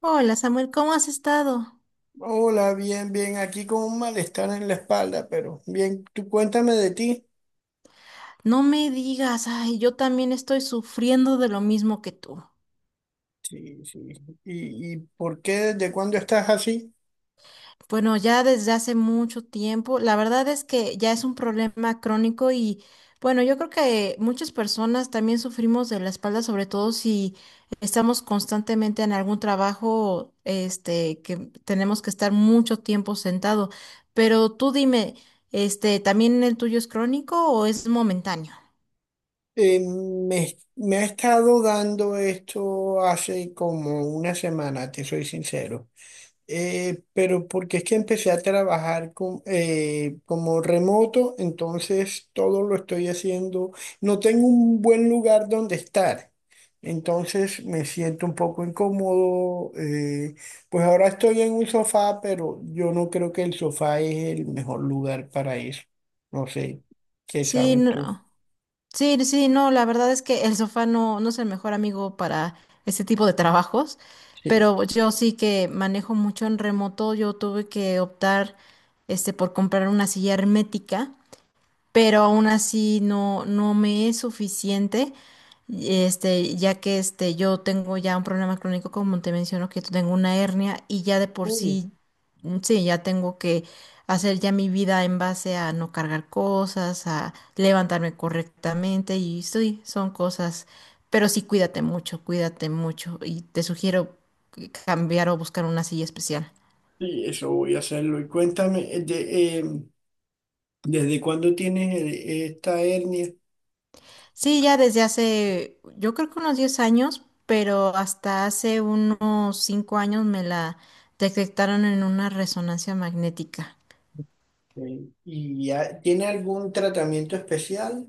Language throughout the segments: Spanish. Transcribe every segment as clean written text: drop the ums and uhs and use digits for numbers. Hola Samuel, ¿cómo has estado? Hola, bien, bien, aquí con un malestar en la espalda, pero bien, tú cuéntame de ti. No me digas, ay, yo también estoy sufriendo de lo mismo que tú. Sí, sí. ¿Y, por qué, desde cuándo estás así? Bueno, ya desde hace mucho tiempo, la verdad es que ya es un problema crónico y bueno, yo creo que muchas personas también sufrimos de la espalda, sobre todo si estamos constantemente en algún trabajo, que tenemos que estar mucho tiempo sentado. Pero tú dime, ¿también el tuyo es crónico o es momentáneo? Me ha estado dando esto hace como una semana, te soy sincero. Pero porque es que empecé a trabajar con, como remoto, entonces todo lo estoy haciendo. No tengo un buen lugar donde estar, entonces me siento un poco incómodo. Pues ahora estoy en un sofá, pero yo no creo que el sofá es el mejor lugar para eso. No sé, ¿qué Sí, sabes tú? no. Sí, sí, no, la verdad es que el sofá no, no es el mejor amigo para este tipo de trabajos, Sí. pero yo sí que manejo mucho en remoto, yo tuve que optar por comprar una silla hermética, pero aún así no, no me es suficiente, ya que yo tengo ya un problema crónico, como te menciono, que tengo una hernia y ya de por Uy, sí, mm, sí, ya tengo que hacer ya mi vida en base a no cargar cosas, a levantarme correctamente y sí, son cosas, pero sí cuídate mucho y te sugiero cambiar o buscar una silla especial. sí, eso voy a hacerlo. Y cuéntame, ¿desde cuándo tienes esta hernia? Sí, ya desde hace, yo creo que unos 10 años, pero hasta hace unos 5 años me la detectaron en una resonancia magnética. Sí. ¿Y ya tiene algún tratamiento especial?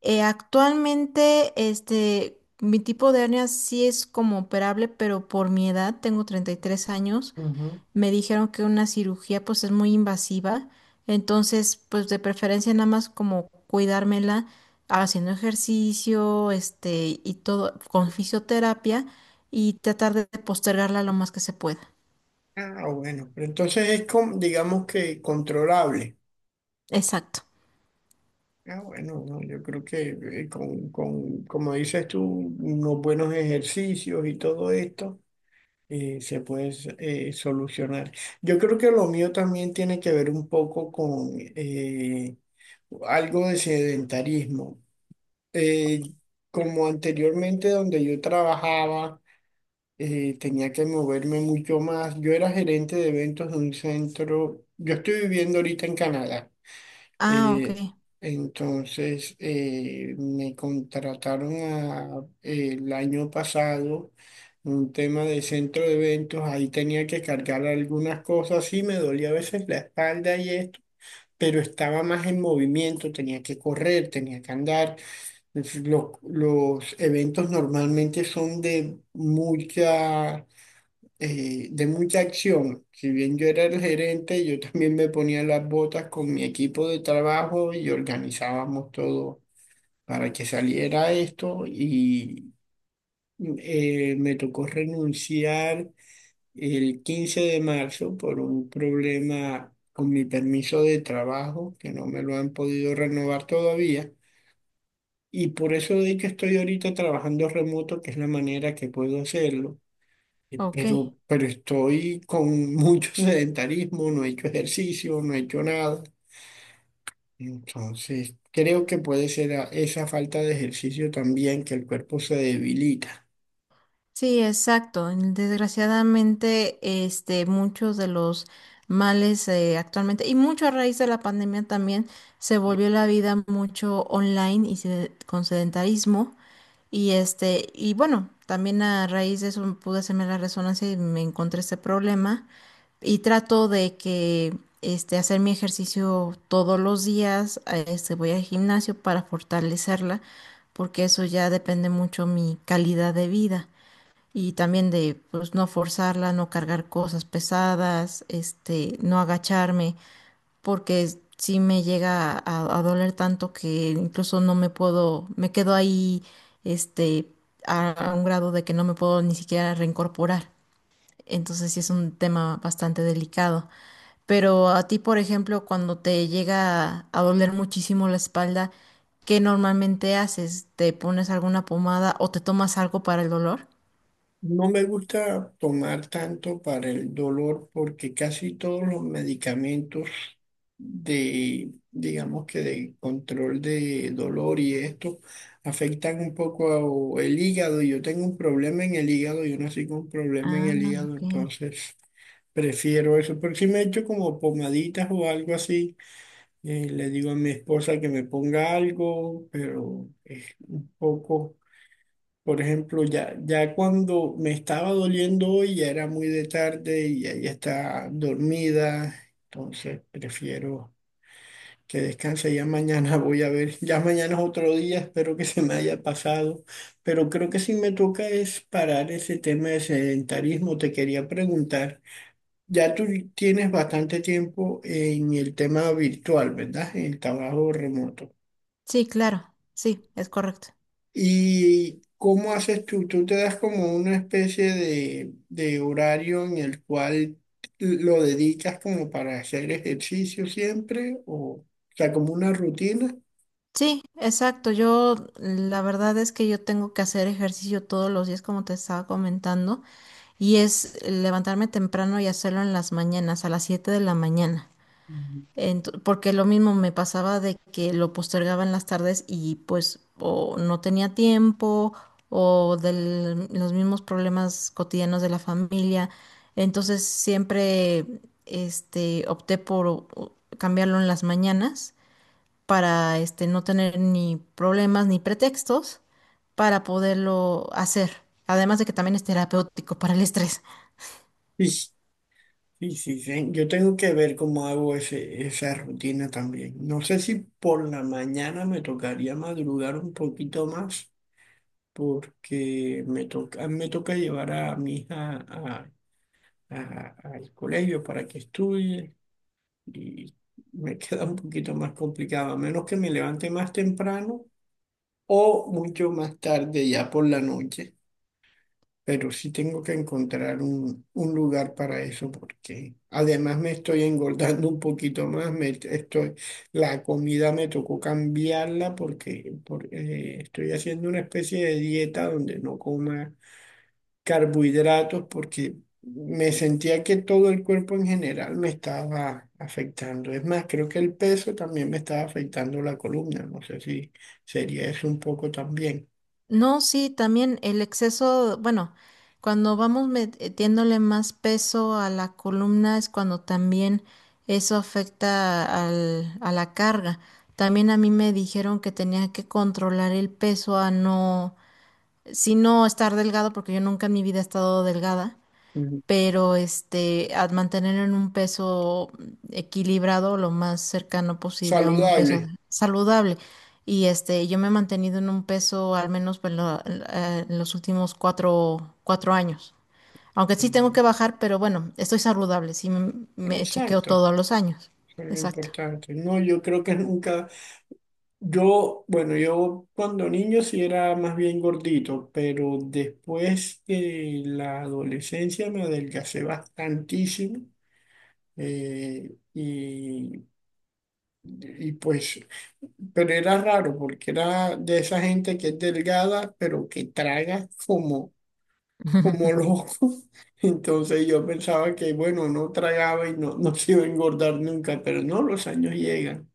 Actualmente, mi tipo de hernia sí es como operable, pero por mi edad, tengo 33 años, Ujú. me dijeron que una cirugía pues es muy invasiva, entonces pues de preferencia nada más como cuidármela haciendo ejercicio, y todo con fisioterapia y tratar de postergarla lo más que se pueda. Ah, bueno, pero entonces es, con, digamos que controlable. Exacto. Ah, bueno, no, yo creo que con, como dices tú, unos buenos ejercicios y todo esto se puede solucionar. Yo creo que lo mío también tiene que ver un poco con algo de sedentarismo. Eh, Como anteriormente donde yo trabajaba. Tenía que moverme mucho más. Yo era gerente de eventos de un centro. Yo estoy viviendo ahorita en Canadá. Ah, ok, eh, Me el año pasado un tema de centro de eventos. Ahí tenía que cargar algunas cosas y me dolía a veces la espalda y esto. Pero estaba más en movimiento, tenía que correr, tenía que andar. Los eventos normalmente son de mucha de mucha acción. Si bien yo era el gerente, yo también me ponía las botas con mi equipo de trabajo y organizábamos todo para que saliera esto y me tocó renunciar el 15 de marzo por un problema con mi permiso de trabajo que no me lo han podido renovar todavía. Y por eso de que estoy ahorita trabajando remoto, que es la manera que puedo hacerlo ok. Pero estoy con mucho sedentarismo, no he hecho ejercicio, no he hecho nada. Entonces, creo que puede ser esa falta de ejercicio también que el cuerpo se debilita. Sí, exacto. Desgraciadamente, muchos de los males actualmente, y mucho a raíz de la pandemia también, se volvió la vida mucho online y con sedentarismo. Y y bueno, también a raíz de eso pude hacerme la resonancia y me encontré este problema. Y trato de que hacer mi ejercicio todos los días, voy al gimnasio para fortalecerla, porque eso ya depende mucho mi calidad de vida. Y también de pues no forzarla, no cargar cosas pesadas, no agacharme porque si me llega a doler tanto que incluso no me puedo, me quedo ahí, este, a un grado de que no me puedo ni siquiera reincorporar. Entonces sí es un tema bastante delicado. Pero a ti, por ejemplo, cuando te llega a doler muchísimo la espalda, ¿qué normalmente haces? ¿Te pones alguna pomada o te tomas algo para el dolor? No me gusta tomar tanto para el dolor porque casi todos los medicamentos de, digamos que de control de dolor y esto afectan un poco el hígado. Yo tengo un problema en el hígado, yo nací con un problema en Ah, el hígado, ok. entonces prefiero eso. Pero si me echo como pomaditas o algo así, le digo a mi esposa que me ponga algo, pero es un poco... Por ejemplo, ya, ya cuando me estaba doliendo hoy, ya era muy de tarde y ella está dormida, entonces prefiero que descanse. Ya mañana voy a ver, ya mañana es otro día, espero que se me haya pasado, pero creo que sí me toca es parar ese tema de sedentarismo. Te quería preguntar, ya tú tienes bastante tiempo en el tema virtual, ¿verdad? En el trabajo remoto. Sí, claro, sí, es correcto. ¿Y cómo haces tú? ¿Tú te das como una especie de horario en el cual lo dedicas como para hacer ejercicio siempre? O sea, como una rutina? Sí, exacto. Yo, la verdad es que yo tengo que hacer ejercicio todos los días, como te estaba comentando, y es levantarme temprano y hacerlo en las mañanas, a las 7 de la mañana. Ujú. Porque lo mismo me pasaba de que lo postergaba en las tardes y pues o no tenía tiempo o de los mismos problemas cotidianos de la familia. Entonces siempre opté por cambiarlo en las mañanas para no tener ni problemas ni pretextos para poderlo hacer. Además de que también es terapéutico para el estrés. Sí, sí, sí, sí. Yo tengo que ver cómo hago ese, esa rutina también. No sé si por la mañana me tocaría madrugar un poquito más porque me toca llevar a mi hija al colegio para que estudie. Y me queda un poquito más complicado, a menos que me levante más temprano o mucho más tarde, ya por la noche. Pero sí tengo que encontrar un lugar para eso porque además me estoy engordando un poquito más. Me estoy, la comida me tocó cambiarla porque estoy haciendo una especie de dieta donde no coma carbohidratos porque me sentía que todo el cuerpo en general me estaba afectando. Es más, creo que el peso también me estaba afectando la columna. No sé si sería eso un poco también. No, sí, también el exceso, bueno, cuando vamos metiéndole más peso a la columna es cuando también eso afecta a la carga. También a mí me dijeron que tenía que controlar el peso a no, si no estar delgado, porque yo nunca en mi vida he estado delgada. Ujú. Pero a mantener en un peso equilibrado lo más cercano posible a un peso Saludable. saludable. Y yo me he mantenido en un peso al menos pues, en los últimos cuatro años. Aunque Sí, sí tengo bueno. que bajar, pero bueno, estoy saludable, sí me chequeo Exacto. todos los años. Eso es lo Exacto. importante. No, yo creo que nunca, yo, bueno, yo cuando niño sí era más bien gordito, pero después de la adolescencia me adelgacé bastantísimo. Eh, y pues, pero era raro porque era de esa gente que es delgada, pero que traga como, como loco. Entonces yo pensaba que, bueno, no tragaba y no, no se iba a engordar nunca, pero no, los años llegan.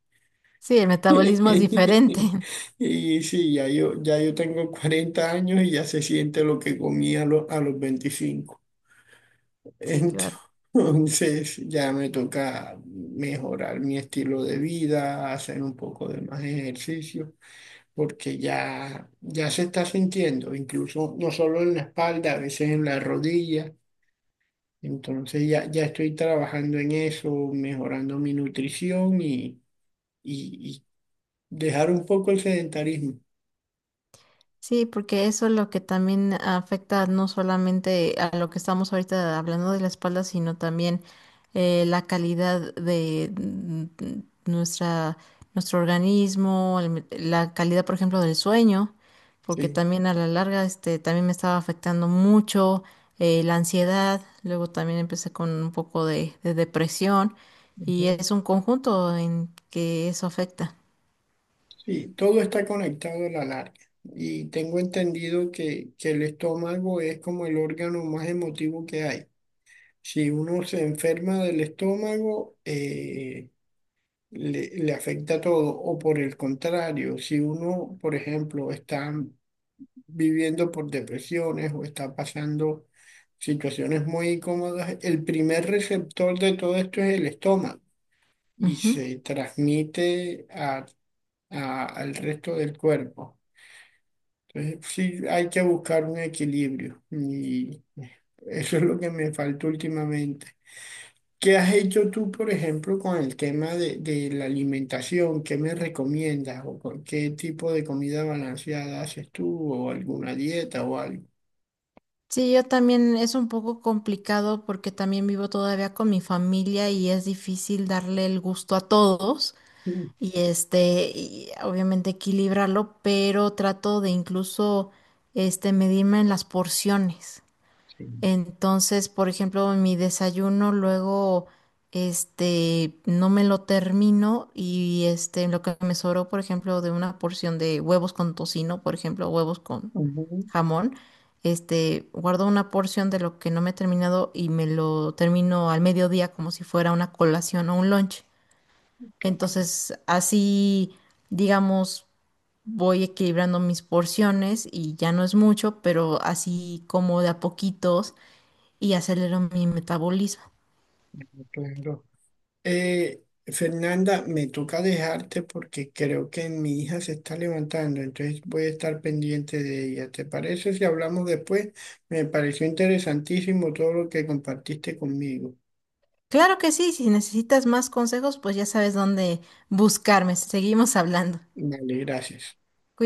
Sí, el metabolismo es diferente. Y sí, ya yo tengo 40 años y ya se siente lo que a los 25. Sí, claro. Entonces ya me toca mejorar mi estilo de vida, hacer un poco de más ejercicio. Porque ya, ya se está sintiendo, incluso no solo en la espalda, a veces en la rodilla. Entonces ya, ya estoy trabajando en eso, mejorando mi nutrición y dejar un poco el sedentarismo. Sí, porque eso es lo que también afecta no solamente a lo que estamos ahorita hablando de la espalda, sino también la calidad de nuestra, nuestro organismo, la calidad, por ejemplo, del sueño, porque Sí, también a la larga también me estaba afectando mucho la ansiedad, luego también empecé con un poco de depresión y Ujú. es un conjunto en que eso afecta. Sí, todo está conectado a la larga. Y tengo entendido que el estómago es como el órgano más emotivo que hay. Si uno se enferma del estómago, le afecta todo. O por el contrario, si uno, por ejemplo, está viviendo por depresiones o está pasando situaciones muy incómodas, el primer receptor de todo esto es el estómago y se transmite al resto del cuerpo. Entonces, sí, hay que buscar un equilibrio y eso es lo que me faltó últimamente. ¿Qué has hecho tú, por ejemplo, con el tema de la alimentación? ¿Qué me recomiendas? ¿O con qué tipo de comida balanceada haces tú? ¿O alguna dieta o algo? Sí, yo también es un poco complicado porque también vivo todavía con mi familia y es difícil darle el gusto a todos Mm, y y obviamente equilibrarlo, pero trato de incluso medirme en las porciones. sí. Entonces, por ejemplo, mi desayuno luego, no me lo termino y lo que me sobró, por ejemplo, de una porción de huevos con tocino, por ejemplo, huevos con Ujú, jamón, guardo una porción de lo que no me he terminado y me lo termino al mediodía como si fuera una colación o un lunch. claro, Entonces, así, digamos, voy equilibrando mis porciones y ya no es mucho, pero así como de a poquitos y acelero mi metabolismo. claro. Fernanda, me toca dejarte porque creo que mi hija se está levantando, entonces voy a estar pendiente de ella. ¿Te parece si hablamos después? Me pareció interesantísimo todo lo que compartiste conmigo. Claro que sí, si necesitas más consejos, pues ya sabes dónde buscarme. Seguimos hablando. Vale, gracias.